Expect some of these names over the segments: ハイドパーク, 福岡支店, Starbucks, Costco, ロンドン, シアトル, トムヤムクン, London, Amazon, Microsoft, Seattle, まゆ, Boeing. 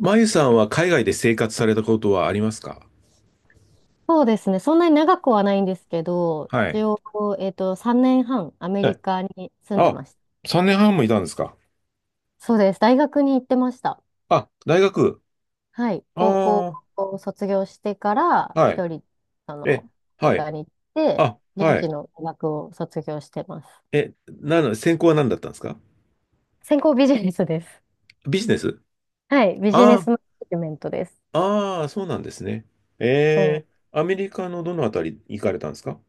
まゆさんは海外で生活されたことはありますか？そうですね。そんなに長くはないんですけど、は一い。応、3年半、アメはリい。カに住んであ、ました。3年半もいたんですか？そうです。大学に行ってました。あ、大学。はい。高校あを卒業してから、あ、はい。一人、あの、え、アメリはい。カに行って、あ、現は地い。の大学を卒業してます。え、専攻は何だったんですか？専攻ビジネスです。ビジネス。はい。ビジネあスマネジメントです。あ、ああ、そうなんですね。えそアメリカのどのあたり行かれたんですか？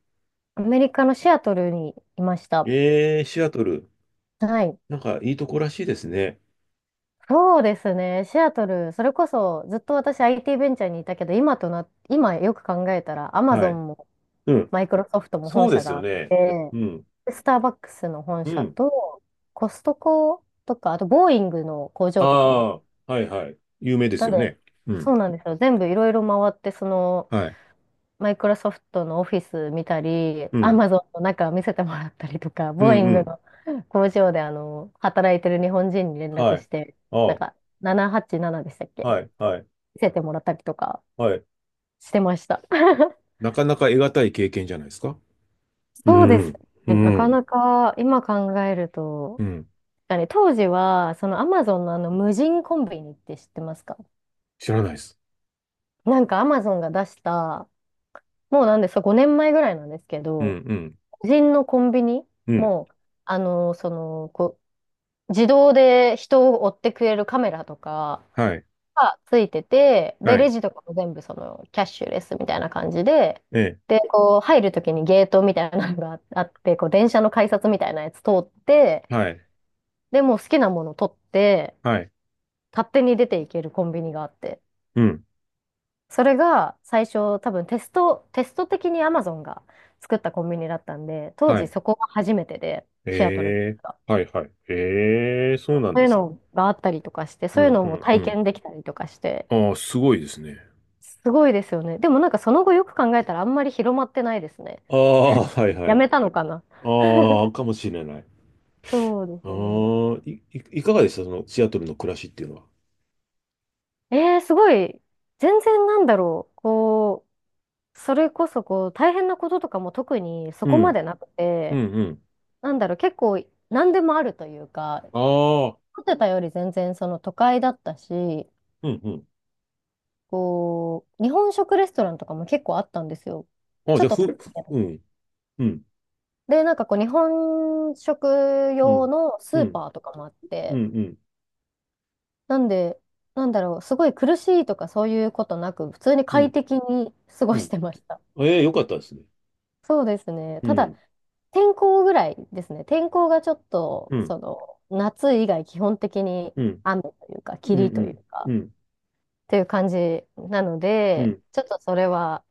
う。アメリカのシアトルにいました。えー、シアトル。はい。なんかいいとこらしいですね。そうですね。シアトル、それこそずっと私 IT ベンチャーにいたけど、今とな、今よく考えたら、アマはゾい。ンもうん。マイクロソフトもそ本うで社すがよあっね。て、うん。でスターバックスの本う社ん。と、コストコとか、あとボーイングの工あ場とかも。あ、はいはい。有名でなすんよで、ね。うそん。うなんですよ。全部いろいろ回って、はい、マイクロソフトのオフィス見たり、うアん。マゾンの中見せてもらったりとか、うボーん、イうングん。の工場で働いてる日本人に連絡はしい。て、なあんあ、か787でしたっけはい、はい、見せてもらったりとかはい。してました。なかなか得難い経験じゃないですか？うそうですん、うね。なかん、なか今考えるうと、ん。あれ、当時は、そのアマゾンのあの無人コンビニって知ってますか？知らないです。なんかアマゾンが出した、もうなんですか、5年前ぐらいなんですけうん、ど、うん、無人のコンビニうん。もう、あの、その、こ自動で人を追ってくれるカメラとか、はい、がついてて、で、はレい、ジとかも全部そのキャッシュレスみたいな感じで、ええ、で、こう入るときにゲートみたいなのがあ って、電車の改札みたいなやつ通って、はい、で、もう好きなもの取って、はい、勝手に出ていけるコンビニがあって、うん、それが最初多分テスト的に Amazon が作ったコンビニだったんで、当は時い。そこが初めてで、シアトルええ、が。はい、はい。ええ、そうそなんうでいうすね。のがあったりとかして、うそうん、いうのうもん、う体ん。験できたりとかして、ああ、すごいですね。すごいですよね。でもなんかその後よく考えたらあんまり広まってないですね。ああ、はい、はやい。めたのかな。ああ、かもしれない。そうであすね。あ、いかがでした、その、シアトルの暮らしっていうのは。すごい。全然なんだろう。こう、それこそこう、大変なこととかも特にそうこまん、でなくうて、ん、うん。なんだろう、結構何でもあるというか、ああ、思ってたより全然その都会だったし、うん、うん。日本食レストランとかも結構あったんですよ。あ、ちょじっゃあ、と高いけど。うん、うん、で、なんか日本食う用ん、のスうーん、パーとかもあっうん、て、うん、なんで、なんだろう、すごい苦しいとかそういうことなく、普通にうん、快適に過ごうしん。てました。ええ、よかったですね。そうですね。うただ、ん、天候ぐらいですね。天候がちょっと、うん、夏以外基本的にうん、雨というか、うん、霧うといん、うか、うん、っていう感じなのうで、ん、ちょっとそれは、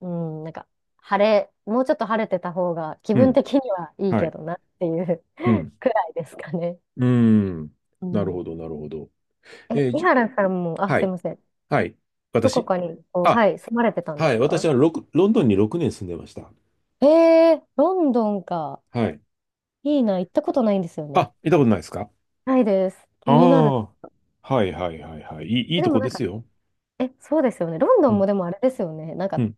うん、なんか、もうちょっと晴れてた方が気う分ん、的にはいいはけい、どなっていう うん、くらいですかね。うん。うなるん。ほど、なるほど。え、えー、井じ、原さんも、あ、はすいい、ません。はい。どこ私かに、あ、はい、住まれてたんではすい、私か？はロンドンに6年住んでました。ええー、ロンドンか。はい。いいな、行ったことないんですよね。あ、行ったことないですか？ないです。あ気になる。あ、はいはいはいはい。いいえ、とでもこなんでか、すよ。え、そうですよね。ロンドうンもん、でもあれですよね。なんうか、ん。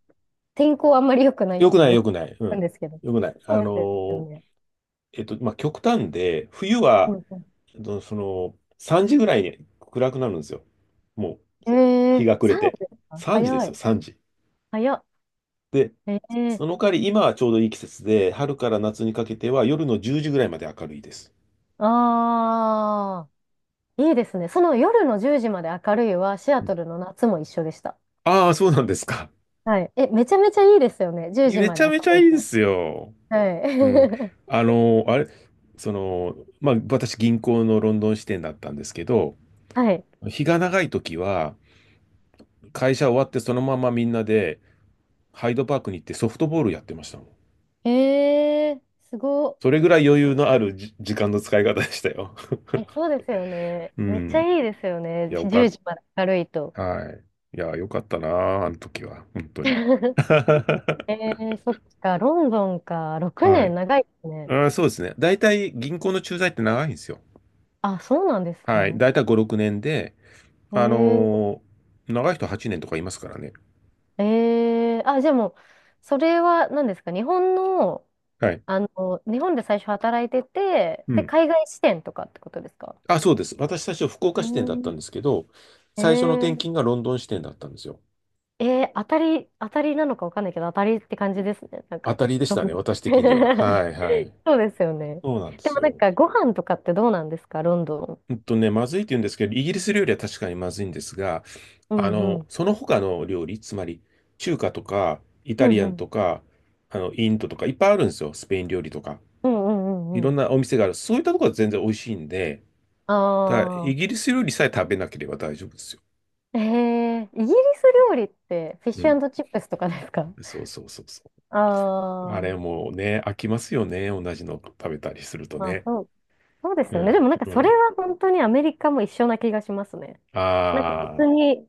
天候あんまり良くないっよくてない、よよく聞くない。うくんん。ですけど。よくない。そうですよね。まあ、極端で、冬うは、んう3時ぐらいに暗くなるんですよ。もう、ん、日が暮れ3度て。ですか？3時で早すい。よ、3時。早っ。で、えー、その代わり、今はちょうどいい季節で、春から夏にかけては夜の10時ぐらいまで明るいです。あー、いいですね。その夜の10時まで明るいは、シアトルの夏も一緒でした。ああ、そうなんですか。はい。え、めちゃめちゃいいですよね。10時めまちでゃ明めちゃるいいいでと。すよ。うん。はい。あの、あれ、その、まあ、私、銀行のロンドン支店だったんですけど、はい。日が長い時は、会社終わってそのままみんなで、ハイドパークに行ってソフトボールやってましたもん。えー、すごっ。それぐらい余裕のある時間の使い方でしたよ。え、そうですよね。うめっちゃん。いいですよね。いや、よか10っ時まで明るいと。た。はい。いや、よかったなあ、あの時は。本当に。え そっか、ロンドンか。6はい。年長いですあね。ー、そうですね。大体銀行の駐在って長いんですよ。あ、そうなんですはい。ね。大体5、6年で、えあー、のー長い人8年とかいますからね。あ、じゃあもう、それは何ですか？日本の、はい。あの、日本で最初働いてて、うで、ん。海外支店とかってことですか？あ、そうです。私最初福岡う支店だったん。んですけど、え最初の転勤ーがロンドン支店だったんですよ。当たりなのかわかんないけど、当たりって感じですね。なん当か。たりでしロンたね、ド私的には。ン はいはい。そうですよね。そうなんでですもなんよ。か、ご飯とかってどうなんですか、ロンドン。うんとね、まずいって言うんですけど、イギリス料理は確かにまずいんですが、うんうん。その他の料理、つまり中華とか、イうタんリうアンん。とか、インドとか、いっぱいあるんですよ。スペイン料理とか。うんうんういんうろんん。なお店がある。そういったところは全然美味しいんで、あただ、イあ。ギリス料理さえ食べなければ大丈夫ですよ。イギリス料理ってフィッうシん。ュチップスとかですか？そうそうそうそう。あああ、れもうね、飽きますよね。同じの食べたりするとまあね。そう、そうですうよね。でん。もなんかうそれん。は本当にアメリカも一緒な気がしますね。なんかあ別あ、に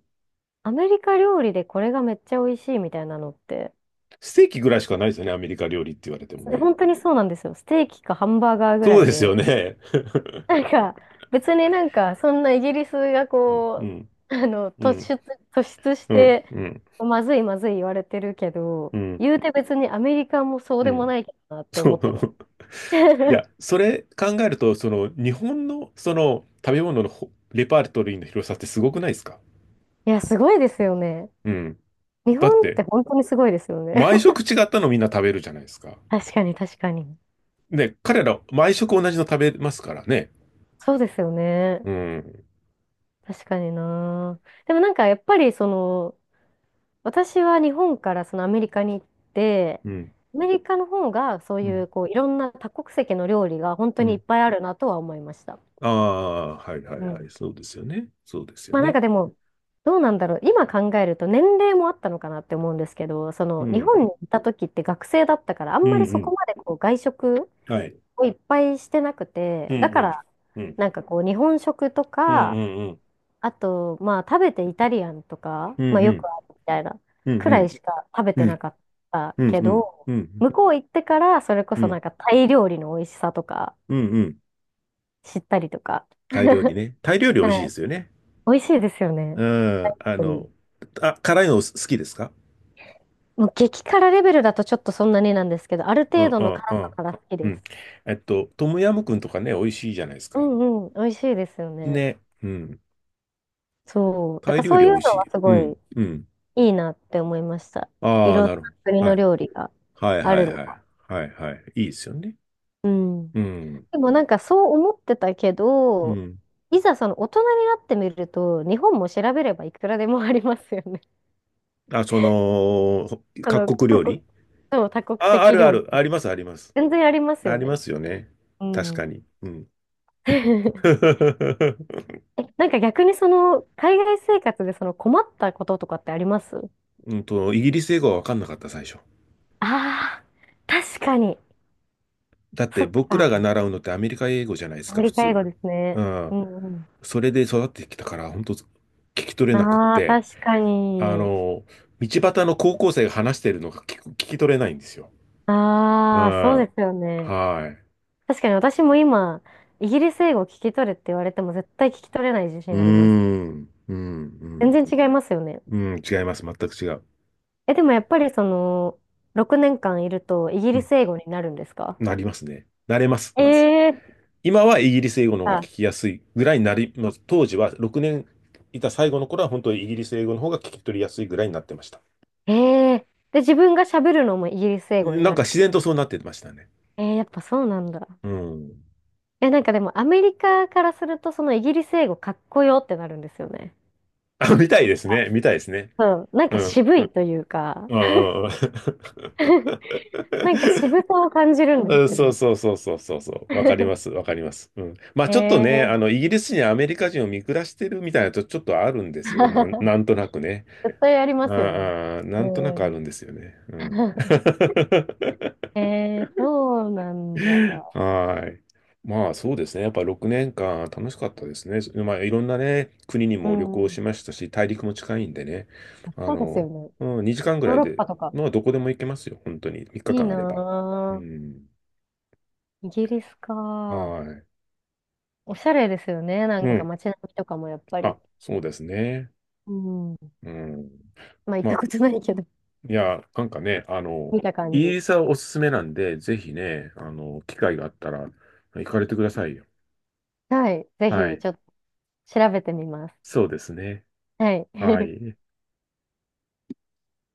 アメリカ料理でこれがめっちゃ美味しいみたいなのってステーキぐらいしかないですよね。アメリカ料理って言われてもね。本当にそうなんですよ。ステーキかハンバーガーぐそらういですよで。ね。なん か、別になんか、そんなイギリスがうん、うん、う、あの、突出、う突出しん、て、うん、まずいまずい言われてるけうど、ん、言うて別にアメリカもそううでもん。ないけどなってそ思う。ってます。い や、それ考えると、日本の、食べ物のレパートリーの広さってすごくないですか？いや、すごいですよね。うん。日だっ本ってて、本当にすごいですよね。毎食違ったのみんな食べるじゃないですか。確かに、確かに。ね、彼ら、毎食同じの食べますからね。そうですよね。うん、確かにな。でもなんか、やっぱり私は日本からそのアメリカに行って、うん、アメリカの方がそうういん、う、いろんな多国籍の料理が本当うにいっん。ぱいあるなとは思いました。ああ、はいはいうはい。ん。そうですよね。そうですよまあなんね。かでも、どうなんだろう。今考えると年齢もあったのかなって思うんですけど、そうの日本ん、にいた時って学生だったから、あんうん、まりうそこん。まで外食はい。をいっぱいしてなくて、うだん、かうん、らうん、なんか日本食とうん、うか、ん、うん、あと、まあ、食べてイタリアンとか、うまあ、ん、うよくん、あるみたいな、うん、くうらいん、しか食べうてなん、かったうん、けうん、ど、うん、うん、向こう行ってから、それこうそなん、んかタイ料理の美味しさとか、うん、うん。知ったりとか、タイ料理ね。タイ料理美味しいはでい。すよね。美味しいですよね。やっうん、ぱりあ、辛いの好きですか？もう激辛レベルだとちょっとそんなになんですけど、あるう程ん、度うのん、う辛さん。なら好きうです。ん。トムヤムクンとかね、美味しいじゃないですうか。んうん、美味しいですよね。ね。うん。そう。だタイから料そう理いはう美味しのはい。すうごん、いうん。いいなって思いました。いああ、ろんなるほな国ど。はのい。料理がはい、あはるい、のはが。い。はい、はい。いいですよね。うん。うん、でもなんかそう思ってたけうど、ん。いざその大人になってみると、日本も調べればいくらでもありますよね。あ、あの、各国多料国、理。そう多国あ、あ籍るあ料る。あ理。ります、あります。全然ありますあよりまね。すよね。う確かん。に。うん。え、なんか逆に海外生活でその困ったこととかってありますうんと、イギリス英語は分かんなかった、最初。ああー、確かに。だっそてっ僕か。らが習うのってアメリカ英語じゃないでアすか、メ普リカ英通。語ですうね。ん。うんうん。それで育ってきたから、本当聞き取れなくっああ、て、確かあに。の、道端の高校生が話してるのが聞き取れないんですよ。うああ、そうん。ですよね。はい。確かに私も今、イギリス英語を聞き取れって言われても絶対聞き取れない自うー信あります。ん。うん。全然違いますよね。うん。うん、違います。全く違う。え、でもやっぱり6年間いるとイギうリん。ス英語になるんですか？なりますね。なれます、えまず。ー、今はイギリス英語の方が聞あ、きやすいぐらいになり、まあ、当時は6年いた最後の頃は本当にイギリス英語の方が聞き取りやすいぐらいになってました。えー、で、自分が喋るのもイギリス英語になんなかるって自こ然とそうなってましたね。と。やっぱそうなんだ。うん。え、なんかでもアメリカからするとそのイギリス英語かっこよってなるんですよね。あ、見たいですね。見たいですね。そう、なんうかん。渋いというか、うんうんうん なんか渋さを感じるんでうんすよそうね。そうそうそうそうそう。わかります。わかります。うん。ま あちょっとね、えーイギリスにアメリカ人を見下してるみたいなとちょっとあるんですよ。なんとなくね。絶対ありますよね。ああ、うなんとなくあん。るんですよね。うん。そうなんだ。はい。まあそうですね。やっぱ6年間楽しかったですね。まあいろんなね、国にうも旅行しん。ましたし、大陸も近いんでね。あそうですの、よね。うん、2時間ぐヨらーいロッで、パとか。まあどこでも行けますよ。本当に。3い日い間あれば。うなん。ぁ。イギリスはか。い。おしゃれですよね。なうんかん。街並みとかもやっぱり。あ、そうですね。うん。うん。まあ行っまたあ、ことないけど、いや、なんかね、見たイ感ギじ。リスはおすすめなんで、ぜひね、機会があったら行かれてくださいよ。はい。ぜはひ、い。ちょっと調べてみます。そうですね。はい。は い。